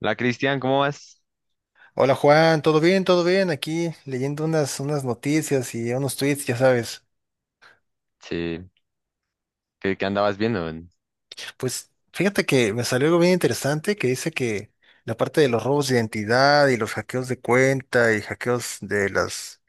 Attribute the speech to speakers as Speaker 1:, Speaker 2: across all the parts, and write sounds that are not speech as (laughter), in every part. Speaker 1: La Cristian, ¿cómo vas?
Speaker 2: Hola Juan, ¿todo bien? ¿Todo bien? Aquí leyendo unas noticias y unos tweets, ya sabes.
Speaker 1: Sí, ¿qué andabas viendo?
Speaker 2: Pues fíjate que me salió algo bien interesante que dice que la parte de los robos de identidad y los hackeos de cuenta y hackeos de las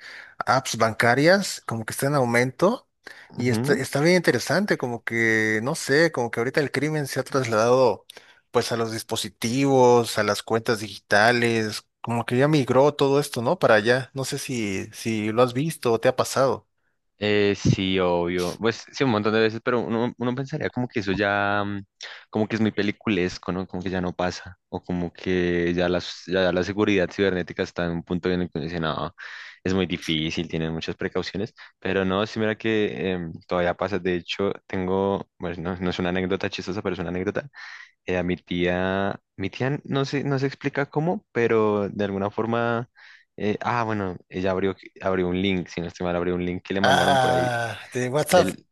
Speaker 2: apps bancarias como que está en aumento y está,
Speaker 1: Ujú.
Speaker 2: está bien interesante, como que no sé, como que ahorita el crimen se ha trasladado pues a los dispositivos, a las cuentas digitales, como que ya migró todo esto, ¿no? Para allá. No sé si lo has visto o te ha pasado.
Speaker 1: Sí, obvio. Pues sí, un montón de veces, pero uno pensaría como que eso ya, como que es muy peliculesco, ¿no? Como que ya no pasa, o como que ya la seguridad cibernética está en un punto en el que uno dice, no, es muy difícil, tienen muchas precauciones, pero no, sí, mira que todavía pasa. De hecho, tengo, bueno, no, no es una anécdota chistosa, pero es una anécdota. A mi tía no se explica cómo, pero de alguna forma, bueno, ella abrió un link, si no estoy mal, abrió un link que le mandaron por ahí
Speaker 2: Ah, de WhatsApp.
Speaker 1: del,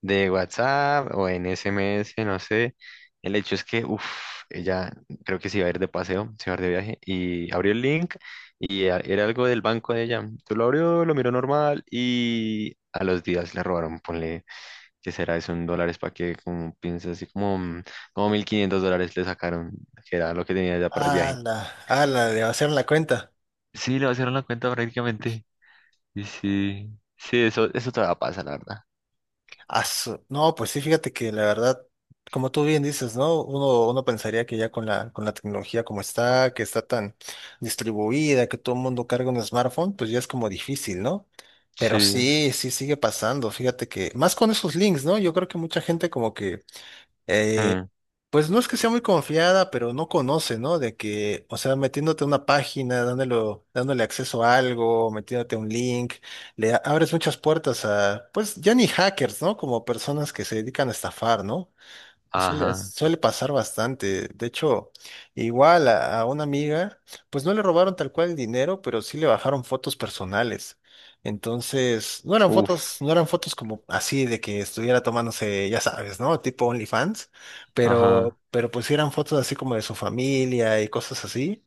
Speaker 1: de WhatsApp o en SMS, no sé. El hecho es que, uff, ella creo que se iba a ir de paseo, se iba a ir de viaje y abrió el link y era algo del banco de ella. Tú lo abrió, lo miró normal y a los días le robaron, ponle que será eso en dólares para que como piensa así como, como 1.500 dólares le sacaron, que era lo que tenía ya para el
Speaker 2: Ah,
Speaker 1: viaje.
Speaker 2: la, ah, la, de vaciaron la cuenta.
Speaker 1: Sí, le vaciaron la cuenta prácticamente. Y sí, sí, eso todavía pasa, la verdad.
Speaker 2: No, pues sí, fíjate que la verdad, como tú bien dices, ¿no? Uno pensaría que ya con la tecnología como está, que está tan distribuida, que todo el mundo carga un smartphone, pues ya es como difícil, ¿no? Pero
Speaker 1: Sí.
Speaker 2: sí, sí sigue pasando, fíjate que, más con esos links, ¿no? Yo creo que mucha gente como que eh,
Speaker 1: Hmm.
Speaker 2: pues no es que sea muy confiada, pero no conoce, ¿no? De que, o sea, metiéndote a una página, dándole acceso a algo, metiéndote un link, abres muchas puertas a, pues ya ni hackers, ¿no? Como personas que se dedican a estafar, ¿no? Suele,
Speaker 1: Ajá.
Speaker 2: suele pasar bastante. De hecho, igual a una amiga, pues no le robaron tal cual el dinero, pero sí le bajaron fotos personales. Entonces,
Speaker 1: Uff.
Speaker 2: no eran fotos como así de que estuviera tomándose, ya sabes, ¿no? Tipo OnlyFans, pero,
Speaker 1: Ajá.
Speaker 2: pero pues sí eran fotos así como de su familia y cosas así.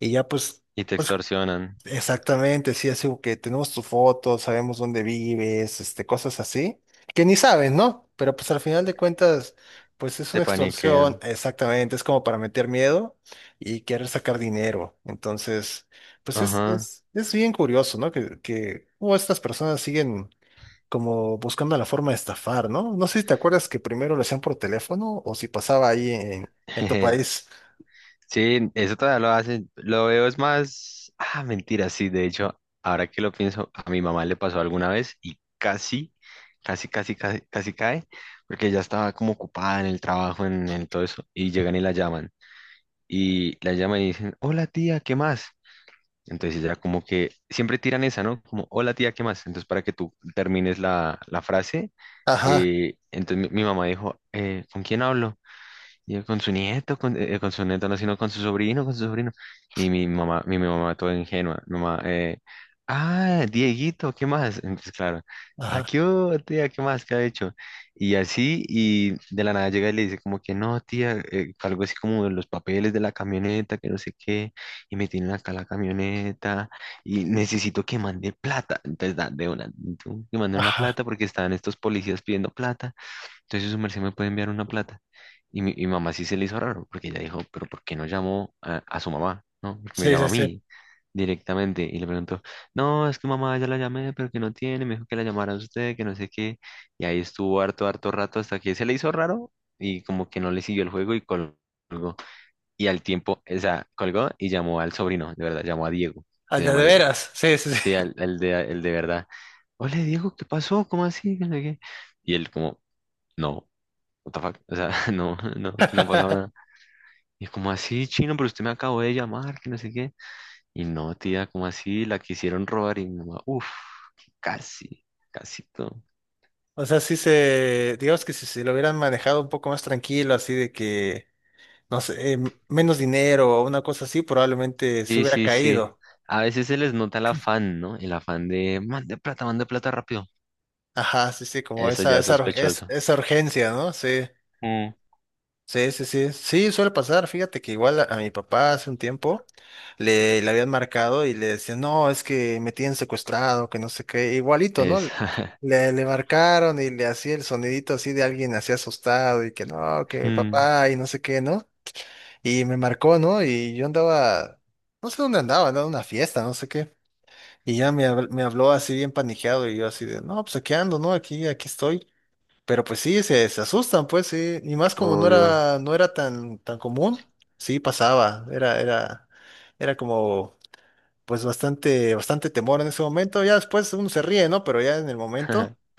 Speaker 2: Y ya pues,
Speaker 1: Y te
Speaker 2: pues
Speaker 1: extorsionan,
Speaker 2: exactamente, sí, así como que tenemos tu foto, sabemos dónde vives, este, cosas así, que ni sabes, ¿no? Pero pues al final de cuentas, pues es
Speaker 1: te
Speaker 2: una extorsión,
Speaker 1: paniquean.
Speaker 2: exactamente, es como para meter miedo y querer sacar dinero. Entonces, pues es,
Speaker 1: Ajá.
Speaker 2: es, es bien curioso, ¿no? Que cómo estas personas siguen como buscando la forma de estafar, ¿no? No sé si te acuerdas que primero lo hacían por teléfono o si pasaba ahí en tu
Speaker 1: (laughs)
Speaker 2: país.
Speaker 1: Sí, eso todavía lo hacen. Lo veo es más. Ah, mentira, sí. De hecho, ahora que lo pienso, a mi mamá le pasó alguna vez y casi, casi, casi, casi, casi cae, porque ya estaba como ocupada en el trabajo, en todo eso, y llegan y la llaman. Y la llaman y dicen, hola tía, ¿qué más? Entonces ella como que siempre tiran esa, ¿no? Como, hola tía, ¿qué más? Entonces para que tú termines la frase,
Speaker 2: Ajá,
Speaker 1: entonces mi mamá dijo, ¿Con quién hablo? Y él con su nieto, con su nieto, no, sino con su sobrino, con su sobrino. Y mi mamá toda ingenua, nomás, Dieguito, ¿qué más? Entonces, claro, ¿ah
Speaker 2: ajá,
Speaker 1: qué hubo, tía? ¿Qué más? ¿Qué ha hecho? Y así, y de la nada llega y le dice como que no, tía, algo así como de los papeles de la camioneta, que no sé qué, y me tienen acá la camioneta, y necesito que mande plata. Entonces, de una, tú, que mande una
Speaker 2: ajá.
Speaker 1: plata porque estaban estos policías pidiendo plata. Entonces su merced me puede enviar una plata. Y mamá sí se le hizo raro, porque ella dijo, pero ¿por qué no llamó a su mamá? ¿No? Porque me
Speaker 2: Sí,
Speaker 1: llama
Speaker 2: sí,
Speaker 1: a
Speaker 2: sí.
Speaker 1: mí directamente y le preguntó, no, es que mamá ya la llamé, pero que no tiene, me dijo que la llamara a usted, que no sé qué. Y ahí estuvo harto, harto rato hasta que se le hizo raro y como que no le siguió el juego y colgó. Y al tiempo, o sea, colgó y llamó al sobrino, de verdad, llamó a Diego, se
Speaker 2: Al
Speaker 1: llama
Speaker 2: de
Speaker 1: Diego.
Speaker 2: veras, sí, sí, sí.
Speaker 1: Sí, al de, el de verdad. Hola Diego, ¿qué pasó? ¿Cómo así? Que no sé qué". Y él como, no what the fuck, o sea, (laughs) no, no, aquí no ha pasado nada.
Speaker 2: (laughs)
Speaker 1: Y como así, chino, pero usted me acabó de llamar, que no sé qué. Y no, tía, como así, la quisieron robar y mi mamá, uff, casi, casi todo.
Speaker 2: O sea, sí se, digamos que si se lo hubieran manejado un poco más tranquilo, así de que, no sé, menos dinero o una cosa así, probablemente se
Speaker 1: Sí,
Speaker 2: hubiera
Speaker 1: sí, sí.
Speaker 2: caído.
Speaker 1: A veces se les nota el afán, ¿no? El afán de, mande plata rápido.
Speaker 2: Ajá, sí, sí, como
Speaker 1: Eso ya es sospechoso.
Speaker 2: esa urgencia, ¿no? Sí,
Speaker 1: Mm.
Speaker 2: sí, sí, sí. Sí, suele pasar. Fíjate que igual a mi papá hace un tiempo le habían marcado y le decían, no, es que me tienen secuestrado, que no sé qué. Igualito, ¿no?
Speaker 1: Es,
Speaker 2: Le marcaron y le hacía el sonidito así de alguien así asustado y que no,
Speaker 1: (laughs)
Speaker 2: que
Speaker 1: Mm,
Speaker 2: papá y no sé qué, ¿no? Y me marcó, ¿no? Y yo andaba, no sé dónde andaba, andaba en una fiesta, no sé qué. Y ya me, me habló así bien paniqueado y yo así de, no, pues aquí ando, ¿no? Aquí estoy. Pero pues sí, se asustan, pues sí. Y más como no
Speaker 1: obvio.
Speaker 2: era, no era tan común, sí pasaba. Era como, pues bastante temor en ese momento. Ya después uno se ríe, ¿no? Pero ya en el momento.
Speaker 1: (laughs)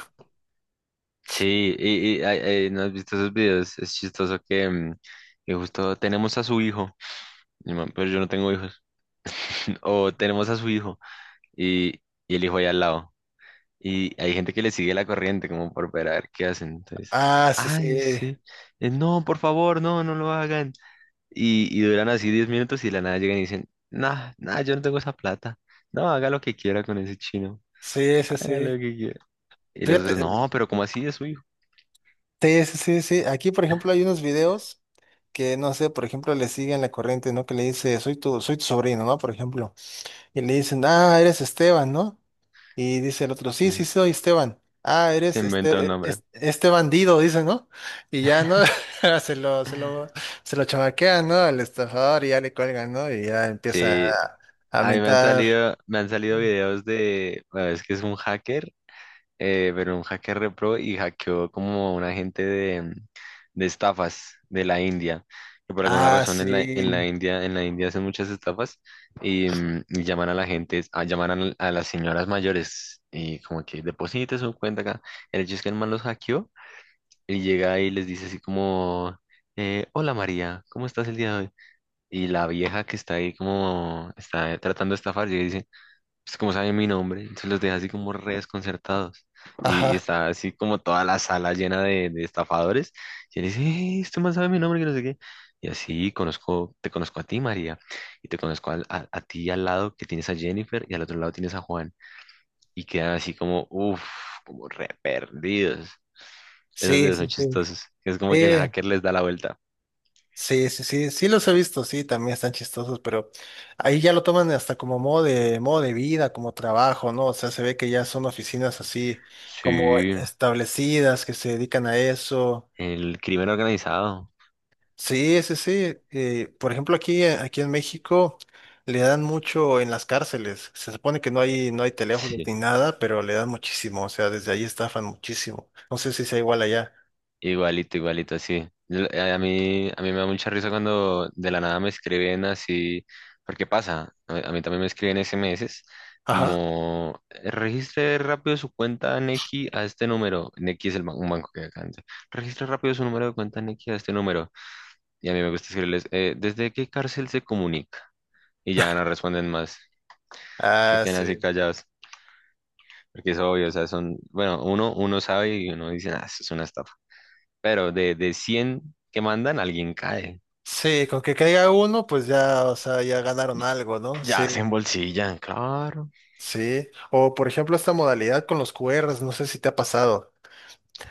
Speaker 1: Sí, ay, ay, ¿no has visto esos videos? Es chistoso que justo tenemos a su hijo. Y, man, pero yo no tengo hijos. (laughs) O tenemos a su hijo y, y el hijo ahí al lado. Y hay gente que le sigue la corriente como por ver a ver qué hacen. Entonces,
Speaker 2: Ah, sí,
Speaker 1: ay,
Speaker 2: sí,
Speaker 1: sí. No, por favor, no, no lo hagan. Y duran así 10 minutos y de la nada llegan y dicen, nah, nah, yo no tengo esa plata. No, haga lo que quiera con ese chino.
Speaker 2: sí, sí,
Speaker 1: Haga lo
Speaker 2: sí.
Speaker 1: que quiera. Y los
Speaker 2: Fíjate.
Speaker 1: otros, no, pero ¿cómo así es su hijo?
Speaker 2: Sí, sí, sí, sí. Aquí, por ejemplo, hay unos videos que, no sé, por ejemplo, le siguen la corriente, ¿no? Que le dice, soy tu sobrino, ¿no? Por ejemplo. Y le dicen, ah, eres Esteban, ¿no? Y dice el otro, sí, sí,
Speaker 1: Mm.
Speaker 2: soy Esteban. Ah,
Speaker 1: Se
Speaker 2: eres
Speaker 1: inventa un nombre.
Speaker 2: este bandido, dice, ¿no? Y ya, ¿no? (laughs) Se lo, se lo, se lo chamaquean, ¿no? Al estafador y ya le cuelgan, ¿no? Y ya empieza
Speaker 1: Sí.
Speaker 2: a
Speaker 1: A mí me han
Speaker 2: mentar.
Speaker 1: salido, me han salido videos de, bueno, es que es un hacker pero un hacker repro y hackeó como un agente de, estafas de la India, que por alguna
Speaker 2: Ah,
Speaker 1: razón en la, en la
Speaker 2: sí.
Speaker 1: India, en la India hacen muchas estafas y llaman a la gente, a, las señoras mayores y como que deposite su cuenta acá. El hecho es que el man los hackeó y llega y les dice así como, hola María, ¿cómo estás el día de hoy? Y la vieja que está ahí como, está tratando de estafar, llega y dice, pues como sabe mi nombre, se los deja así como re desconcertados. Y
Speaker 2: Ajá.
Speaker 1: está así como toda la sala llena de estafadores. Y él dice, Este man sabe mi nombre, que no sé qué. Y así te conozco a ti, María, y te conozco a ti al lado que tienes a Jennifer y al otro lado tienes a Juan. Y quedan así como, uff, como re perdidos. Esos
Speaker 2: Sí,
Speaker 1: videos son
Speaker 2: sí, sí.
Speaker 1: chistosos. Es como que el
Speaker 2: Sí,
Speaker 1: hacker les da la vuelta.
Speaker 2: sí, sí, sí, sí los he visto, sí, también están chistosos, pero ahí ya lo toman hasta como modo de vida, como trabajo, ¿no? O sea, se ve que ya son oficinas así como
Speaker 1: Sí,
Speaker 2: establecidas que se dedican a eso.
Speaker 1: el crimen organizado.
Speaker 2: Sí, sí, sí. Por ejemplo, aquí en México le dan mucho en las cárceles. Se supone que no hay, no hay teléfonos ni
Speaker 1: (laughs)
Speaker 2: nada, pero le dan muchísimo. O sea, desde ahí estafan muchísimo. No sé si sea igual allá.
Speaker 1: Igualito, igualito, así. A mí me da mucha risa cuando de la nada me escriben así, porque pasa, a mí también me escriben SMS,
Speaker 2: Ajá.
Speaker 1: como registre rápido su cuenta Nequi a este número. Nequi es un banco que hay acá. Entonces, registre rápido su número de cuenta Nequi a este número. Y a mí me gusta escribirles, ¿Desde qué cárcel se comunica? Y ya no responden más, se
Speaker 2: Ah,
Speaker 1: quedan así
Speaker 2: sí.
Speaker 1: callados, porque es obvio, o sea, son, bueno, uno sabe y uno dice, ah, eso es una estafa. Pero de 100 que mandan, alguien cae.
Speaker 2: Sí, con que caiga uno, pues ya, o sea, ya ganaron algo, ¿no? Sí,
Speaker 1: Ya se embolsillan, claro.
Speaker 2: sí. O por ejemplo, esta modalidad con los QRs, no sé si te ha pasado.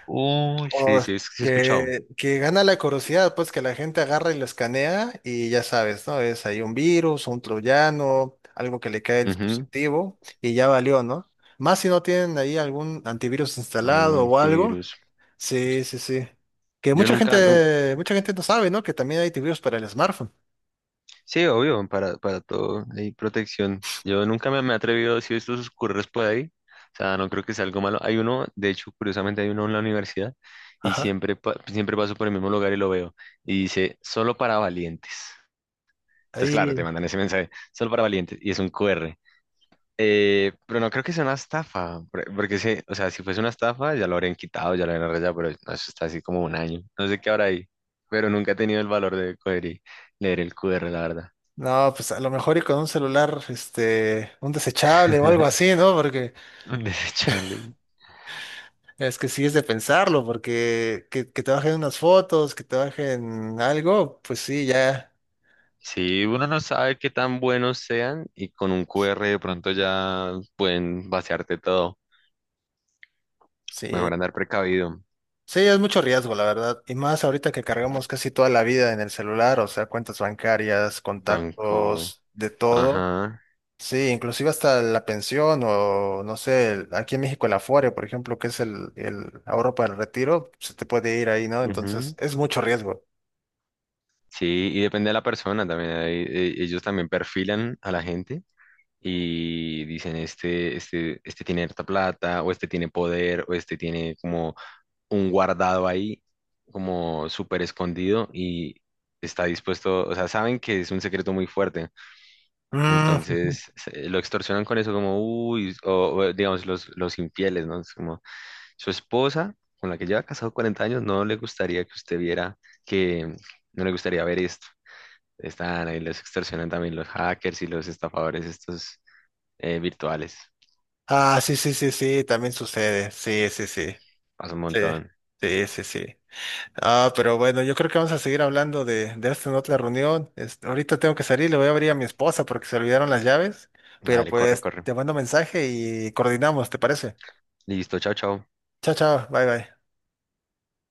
Speaker 1: Uy, sí,
Speaker 2: O
Speaker 1: sí, sí he escuchado.
Speaker 2: que gana la curiosidad, pues que la gente agarra y lo escanea y ya sabes, ¿no? Es ahí un virus, un troyano, algo que le cae al
Speaker 1: Ujú.
Speaker 2: dispositivo y ya valió, ¿no? Más si no tienen ahí algún antivirus
Speaker 1: Algún
Speaker 2: instalado o algo.
Speaker 1: antivirus.
Speaker 2: Sí, sí, sí. Que
Speaker 1: Yo nunca,
Speaker 2: mucha gente no sabe, ¿no? Que también hay antivirus para el smartphone.
Speaker 1: sí, obvio, para todo hay protección. Yo nunca me he atrevido a decir estos curros por ahí. O sea, no creo que sea algo malo. Hay uno, de hecho, curiosamente hay uno en la universidad y
Speaker 2: Ajá.
Speaker 1: siempre paso por el mismo lugar y lo veo. Y dice, solo para valientes. Entonces, claro, te
Speaker 2: Ahí
Speaker 1: mandan ese mensaje, solo para valientes. Y es un QR. Pero no creo que sea una estafa, porque o sea, si fuese una estafa ya lo habrían quitado, ya lo habrían arreglado, pero no, eso está así como un año, no sé qué habrá ahí, pero nunca he tenido el valor de coger y leer el QR, la verdad.
Speaker 2: no, pues a lo mejor y con un celular, este, un desechable o algo
Speaker 1: (laughs)
Speaker 2: así, ¿no? Porque
Speaker 1: Desecharle.
Speaker 2: es que sí es de pensarlo, porque que te bajen unas fotos, que te bajen algo, pues sí, ya,
Speaker 1: Sí, uno no sabe qué tan buenos sean y con un QR de pronto ya pueden vaciarte todo.
Speaker 2: sí.
Speaker 1: Mejor andar precavido.
Speaker 2: Sí, es mucho riesgo, la verdad. Y más ahorita que cargamos casi toda la vida en el celular, o sea, cuentas bancarias,
Speaker 1: Banco.
Speaker 2: contactos, de todo.
Speaker 1: Ajá.
Speaker 2: Sí, inclusive hasta la pensión o, no sé, aquí en México el Afore, por ejemplo, que es el ahorro para el retiro, se te puede ir ahí, ¿no? Entonces,
Speaker 1: Ujú.
Speaker 2: es mucho riesgo.
Speaker 1: Sí, y depende de la persona también. Ahí, ellos también perfilan a la gente y dicen este tiene harta plata, o este tiene poder, o este tiene como un guardado ahí, como súper escondido y está dispuesto, o sea, saben que es un secreto muy fuerte,
Speaker 2: Mm.
Speaker 1: entonces
Speaker 2: (laughs)
Speaker 1: lo extorsionan con eso como, uy, digamos los infieles, ¿no? Es como su esposa, con la que lleva casado 40 años, no le gustaría que usted viera que, no le gustaría ver esto. Están ahí, los extorsionan también los hackers y los estafadores estos virtuales.
Speaker 2: Ah, sí, sí, sí, sí, también sucede. Sí, sí, sí.
Speaker 1: Pasa un
Speaker 2: Sí,
Speaker 1: montón.
Speaker 2: sí, sí, sí. Ah, pero bueno, yo creo que vamos a seguir hablando de esto en otra reunión. Este, ahorita tengo que salir, le voy a abrir a mi esposa porque se olvidaron las llaves. Pero
Speaker 1: Dale, corre,
Speaker 2: pues
Speaker 1: corre.
Speaker 2: te mando mensaje y coordinamos, ¿te parece?
Speaker 1: Listo, chao, chao.
Speaker 2: Chao, chao, bye, bye.